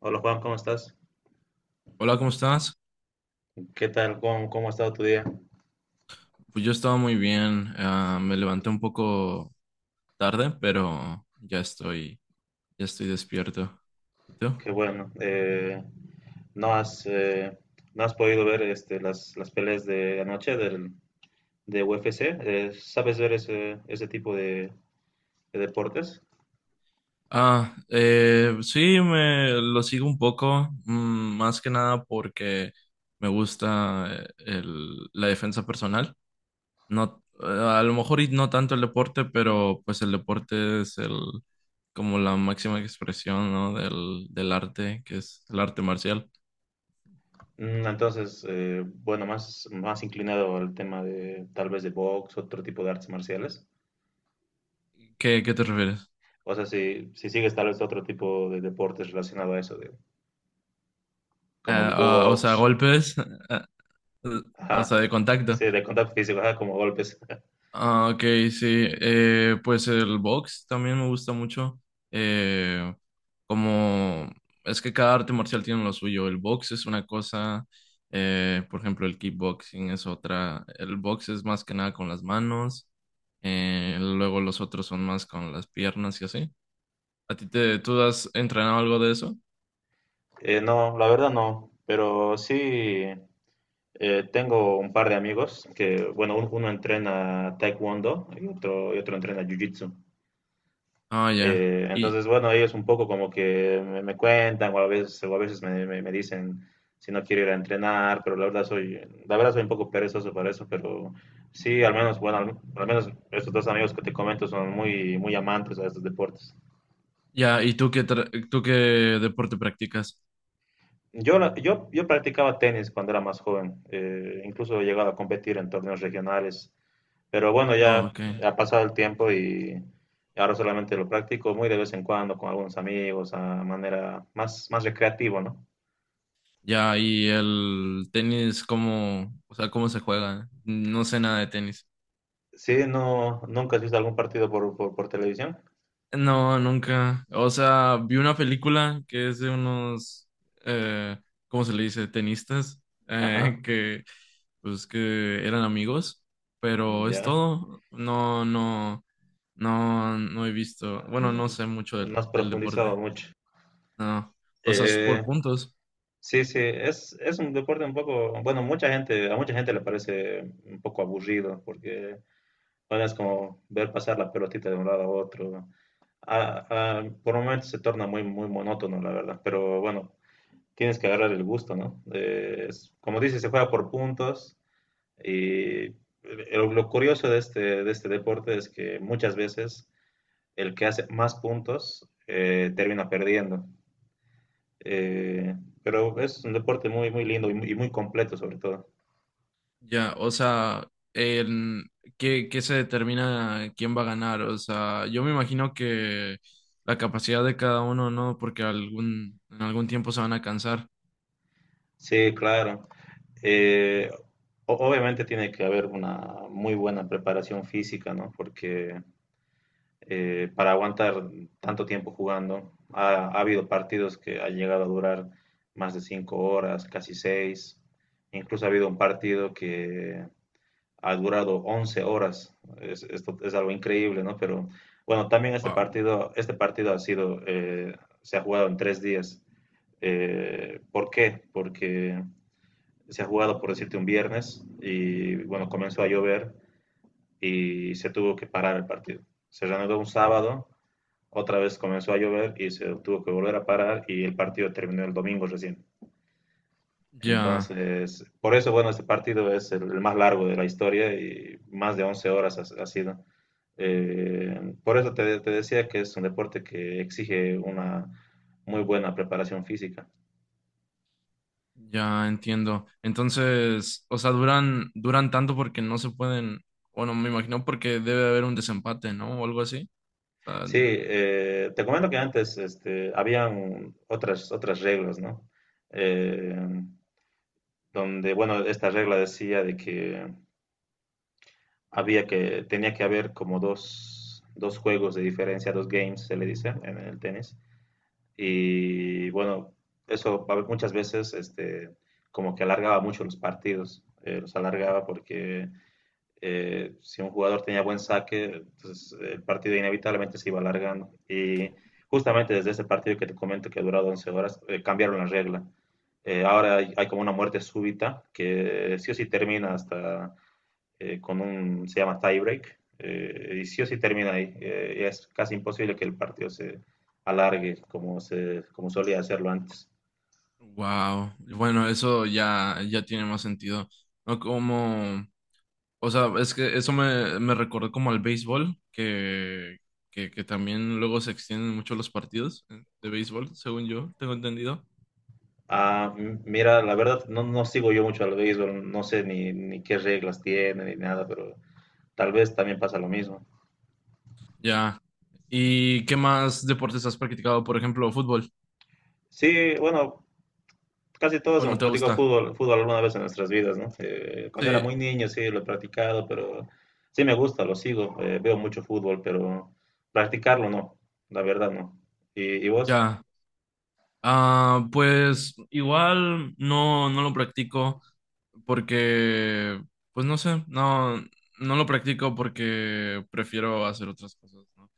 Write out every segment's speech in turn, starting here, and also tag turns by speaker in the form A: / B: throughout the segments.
A: Hola Juan, ¿cómo estás?
B: Hola, ¿cómo estás?
A: ¿Qué tal? ¿Cómo ha estado tu día?
B: Pues yo estaba muy bien. Me levanté un poco tarde, pero ya estoy despierto. ¿Y tú?
A: Qué bueno. ¿No has, eh, no has podido ver las peleas de anoche de UFC? ¿Sabes ver ese tipo de deportes?
B: Sí, me lo sigo un poco, más que nada porque me gusta la defensa personal. No, a lo mejor y no tanto el deporte, pero pues el deporte es el como la máxima expresión, ¿no?, del arte, que es el arte marcial.
A: Entonces, bueno, más inclinado al tema de tal vez de box, otro tipo de artes marciales.
B: ¿Qué te refieres?
A: O sea, si sigues tal vez otro tipo de deportes relacionado a eso, como el
B: O sea,
A: box.
B: golpes, ah, o
A: Ajá.
B: sea, de contacto.
A: Sí, de contacto físico, ajá, como golpes.
B: Ah, ok, sí. Pues el box también me gusta mucho. Eh, Como es que cada arte marcial tiene lo suyo. El box es una cosa, por ejemplo, el kickboxing es otra. El box es más que nada con las manos. Luego los otros son más con las piernas y así. ¿A ti tú has entrenado algo de eso?
A: No, la verdad no, pero sí, tengo un par de amigos que, bueno, uno entrena taekwondo y otro y otro entrena jiu-jitsu.
B: Ah, ya. Y
A: Entonces, bueno, ellos un poco como que me cuentan o a veces me dicen si no quiero ir a entrenar, pero la verdad soy un poco perezoso para eso, pero sí, al menos, bueno, al menos estos dos amigos que te comento son muy, muy amantes a estos deportes.
B: ya, ¿y tú qué deporte practicas?
A: Yo practicaba tenis cuando era más joven, incluso he llegado a competir en torneos regionales, pero bueno,
B: Ah,
A: ya
B: ok.
A: ha pasado el tiempo y ahora solamente lo practico muy de vez en cuando con algunos amigos, a manera más recreativa, ¿no?
B: Ya, y el tenis, ¿cómo, o sea, cómo se juega? No sé nada de tenis.
A: Sí, no, ¿nunca has visto algún partido por televisión?
B: No, nunca. O sea, vi una película que es de unos, eh, ¿cómo se le dice? Tenistas,
A: Ajá,
B: eh, que, pues, que eran amigos, pero es
A: ya,
B: todo. No, no, no, no he visto. Bueno,
A: no,
B: no sé mucho
A: no
B: del,
A: has
B: del deporte.
A: profundizado mucho.
B: No. O sea, es
A: Eh,
B: por puntos.
A: sí, sí, es un deporte un poco, bueno, a mucha gente le parece un poco aburrido porque puedes como ver pasar la pelotita de un lado a otro. Por momentos se torna muy, muy monótono, la verdad, pero bueno, tienes que agarrar el gusto, ¿no? Como dices, se juega por puntos y lo curioso de este deporte es que muchas veces el que hace más puntos, termina perdiendo. Eh, pero es un deporte muy, muy lindo y muy completo sobre todo.
B: Ya, o sea, en- ¿qué se determina quién va a ganar? O sea, yo me imagino que la capacidad de cada uno, ¿no? Porque en algún tiempo se van a cansar.
A: Sí, claro. Eh, obviamente tiene que haber una muy buena preparación física, ¿no? Porque, para aguantar tanto tiempo jugando, ha habido partidos que han llegado a durar más de 5 horas, casi seis. Incluso ha habido un partido que ha durado 11 horas. Esto es algo increíble, ¿no? Pero bueno, también este
B: Wow.
A: partido, este partido ha sido, se ha jugado en 3 días. ¿Por qué? Porque se ha jugado, por decirte, un viernes y bueno, comenzó a llover y se tuvo que parar el partido. Se reanudó un sábado, otra vez comenzó a llover y se tuvo que volver a parar y el partido terminó el domingo recién.
B: Ya,
A: Entonces, por eso, bueno, este partido es el más largo de la historia y más de 11 horas ha sido. Por eso te decía que es un deporte que exige una muy buena preparación física.
B: ya entiendo. Entonces, o sea, duran tanto porque no se pueden, bueno, me imagino porque debe haber un desempate, ¿no? O algo así.
A: Sí, te comento que antes habían otras reglas, ¿no? Eh, Donde, bueno, esta regla decía de que tenía que haber como dos juegos de diferencia, dos games, se le dice en el tenis. Y bueno, eso a ver, muchas veces como que alargaba mucho los partidos, los alargaba porque, si un jugador tenía buen saque, entonces el partido inevitablemente se iba alargando. Y justamente desde ese partido que te comento que ha durado 11 horas, cambiaron la regla. Ahora como una muerte súbita que sí o sí termina hasta se llama tiebreak, y sí o sí termina ahí. Y es casi imposible que el partido se alargue como solía hacerlo antes.
B: Wow. Bueno, eso ya tiene más sentido. No como. O sea, es que eso me recordó como al béisbol, que también luego se extienden mucho los partidos de béisbol, según yo tengo entendido.
A: Ah, mira, la verdad no, sigo yo mucho al béisbol, no sé ni qué reglas tiene ni nada, pero tal vez también pasa lo mismo.
B: Ya. ¿Y qué más deportes has practicado? Por ejemplo, fútbol.
A: Sí, bueno, casi todos
B: ¿O no
A: hemos
B: te
A: practicado
B: gusta?
A: fútbol alguna vez en nuestras vidas, ¿no? Cuando era muy
B: Sí,
A: niño sí lo he practicado, pero sí me gusta, lo sigo, veo mucho fútbol, pero practicarlo no, la verdad no. ¿Y vos?
B: ya. Ah, pues igual no lo practico porque, pues no sé, no lo practico porque prefiero hacer otras cosas, ¿no?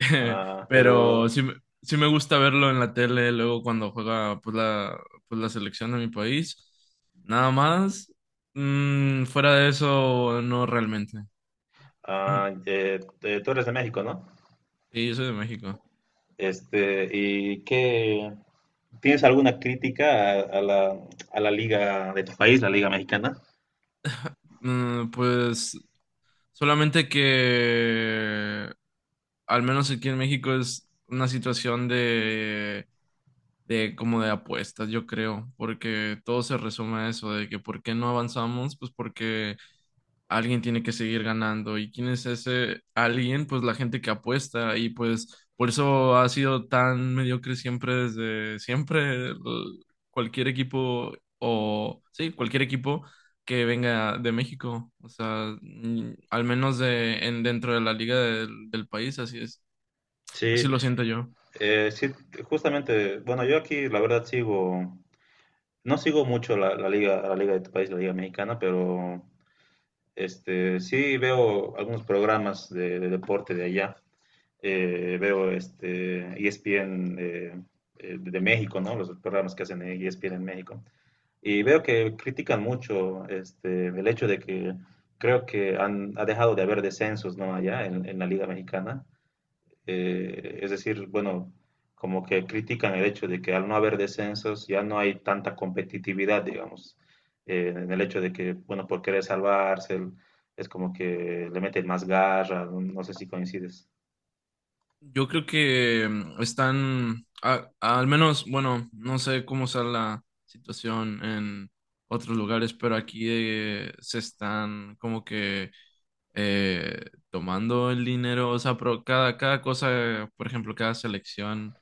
A: Ah, pero
B: Pero sí, sí me gusta verlo en la tele luego cuando juega pues la, selección de mi país. Nada más. Fuera de eso, no realmente.
A: tú eres de México, ¿no?
B: Sí, yo soy de México.
A: ¿Y qué? ¿Tienes alguna crítica a, a la liga de tu país, la liga mexicana?
B: Pues solamente que al menos aquí en México es una situación de, como de apuestas, yo creo, porque todo se resume a eso, de que por qué no avanzamos, pues porque alguien tiene que seguir ganando. ¿Y quién es ese alguien? Pues la gente que apuesta y pues por eso ha sido tan mediocre siempre desde siempre cualquier equipo o sí, cualquier equipo que venga de México, o sea, al menos de en dentro de la liga del país, así es, así
A: Sí,
B: lo siento yo.
A: Sí, justamente, bueno, yo aquí la verdad no sigo mucho la liga de tu país, la liga mexicana, pero sí veo algunos programas de deporte de allá. Veo este ESPN , de México, ¿no? Los programas que hacen en ESPN en México. Y veo que critican mucho el hecho de que creo que ha dejado de haber descensos, ¿no? Allá en la Liga Mexicana. Es decir, bueno, como que critican el hecho de que al no haber descensos ya no hay tanta competitividad, digamos, en el hecho de que, bueno, por querer salvarse, es como que le meten más garra, no sé si coincides.
B: Yo creo que están, al menos, bueno, no sé cómo sea la situación en otros lugares, pero aquí se están como que eh, tomando el dinero, o sea, pero cada cosa, por ejemplo, cada selección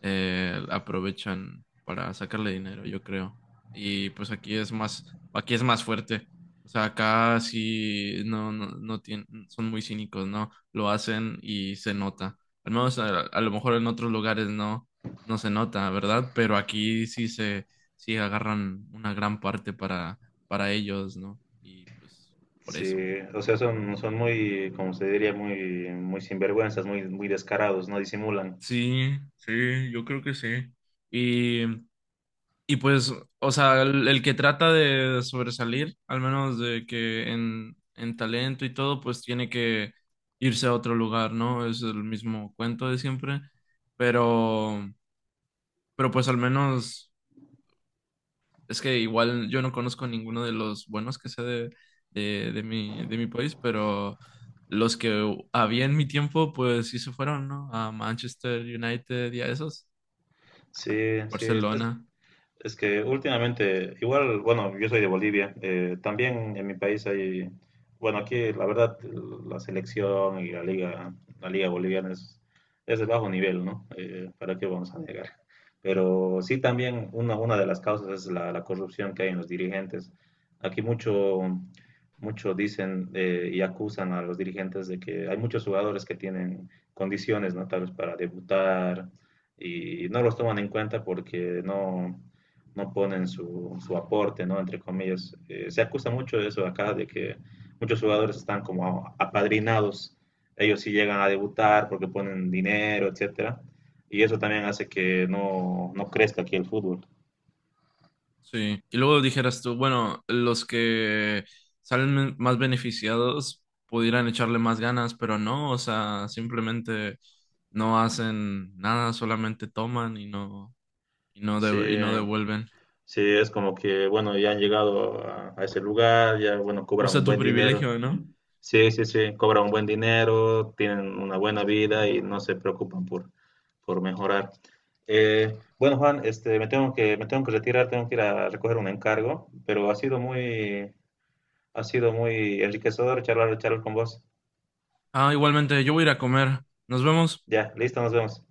B: aprovechan para sacarle dinero, yo creo. Y pues aquí es más fuerte. O sea, acá sí no tienen, son muy cínicos, ¿no? Lo hacen y se nota. Al menos a lo mejor en otros lugares no se nota, ¿verdad? Pero aquí sí agarran una gran parte para ellos, ¿no? Y pues por
A: Sí,
B: eso.
A: o sea, son muy, como se diría, muy, muy sinvergüenzas, muy, muy descarados, no disimulan.
B: Sí, sí, yo creo que sí. Y Y pues, o sea, el que trata de sobresalir, al menos de que en talento y todo, pues tiene que irse a otro lugar, ¿no? Es el mismo cuento de siempre, pero, pero pues al menos es que igual yo no conozco ninguno de los buenos que sé de mi país, pero los que había en mi tiempo, pues sí se fueron, ¿no? A Manchester United y a esos,
A: Sí, sí, es-
B: Barcelona.
A: Es que últimamente, igual, bueno, yo soy de Bolivia, también en mi país hay, bueno, aquí la verdad la selección y la liga boliviana es de bajo nivel, ¿no? ¿Para qué vamos a negar? Pero sí también una de las causas es la corrupción que hay en los dirigentes. Aquí mucho dicen, y acusan a los dirigentes de que hay muchos jugadores que tienen condiciones, ¿no? Tal vez para debutar y no los toman en cuenta porque no ponen su aporte, ¿no? Entre comillas. Se acusa mucho de eso acá, de que muchos jugadores están como apadrinados. Ellos sí llegan a debutar porque ponen dinero, etcétera. Y eso también hace que no crezca aquí el fútbol.
B: Sí, y luego dijeras tú, bueno, los que salen más beneficiados pudieran echarle más ganas, pero no, o sea, simplemente no hacen nada, solamente toman y no, y no,
A: Sí,
B: de- y no devuelven.
A: sí, es como que, bueno, ya han llegado a ese lugar, ya, bueno, cobran
B: Usa
A: un
B: tu
A: buen dinero.
B: privilegio, ¿no?
A: Sí, sí, sí, cobran un buen dinero, tienen una buena vida y no se preocupan por mejorar. Bueno, Juan, me tengo que retirar, tengo que ir a recoger un encargo, pero ha sido muy enriquecedor charlar con vos.
B: Ah, igualmente, yo voy a ir a comer. Nos vemos.
A: Ya, listo, nos vemos.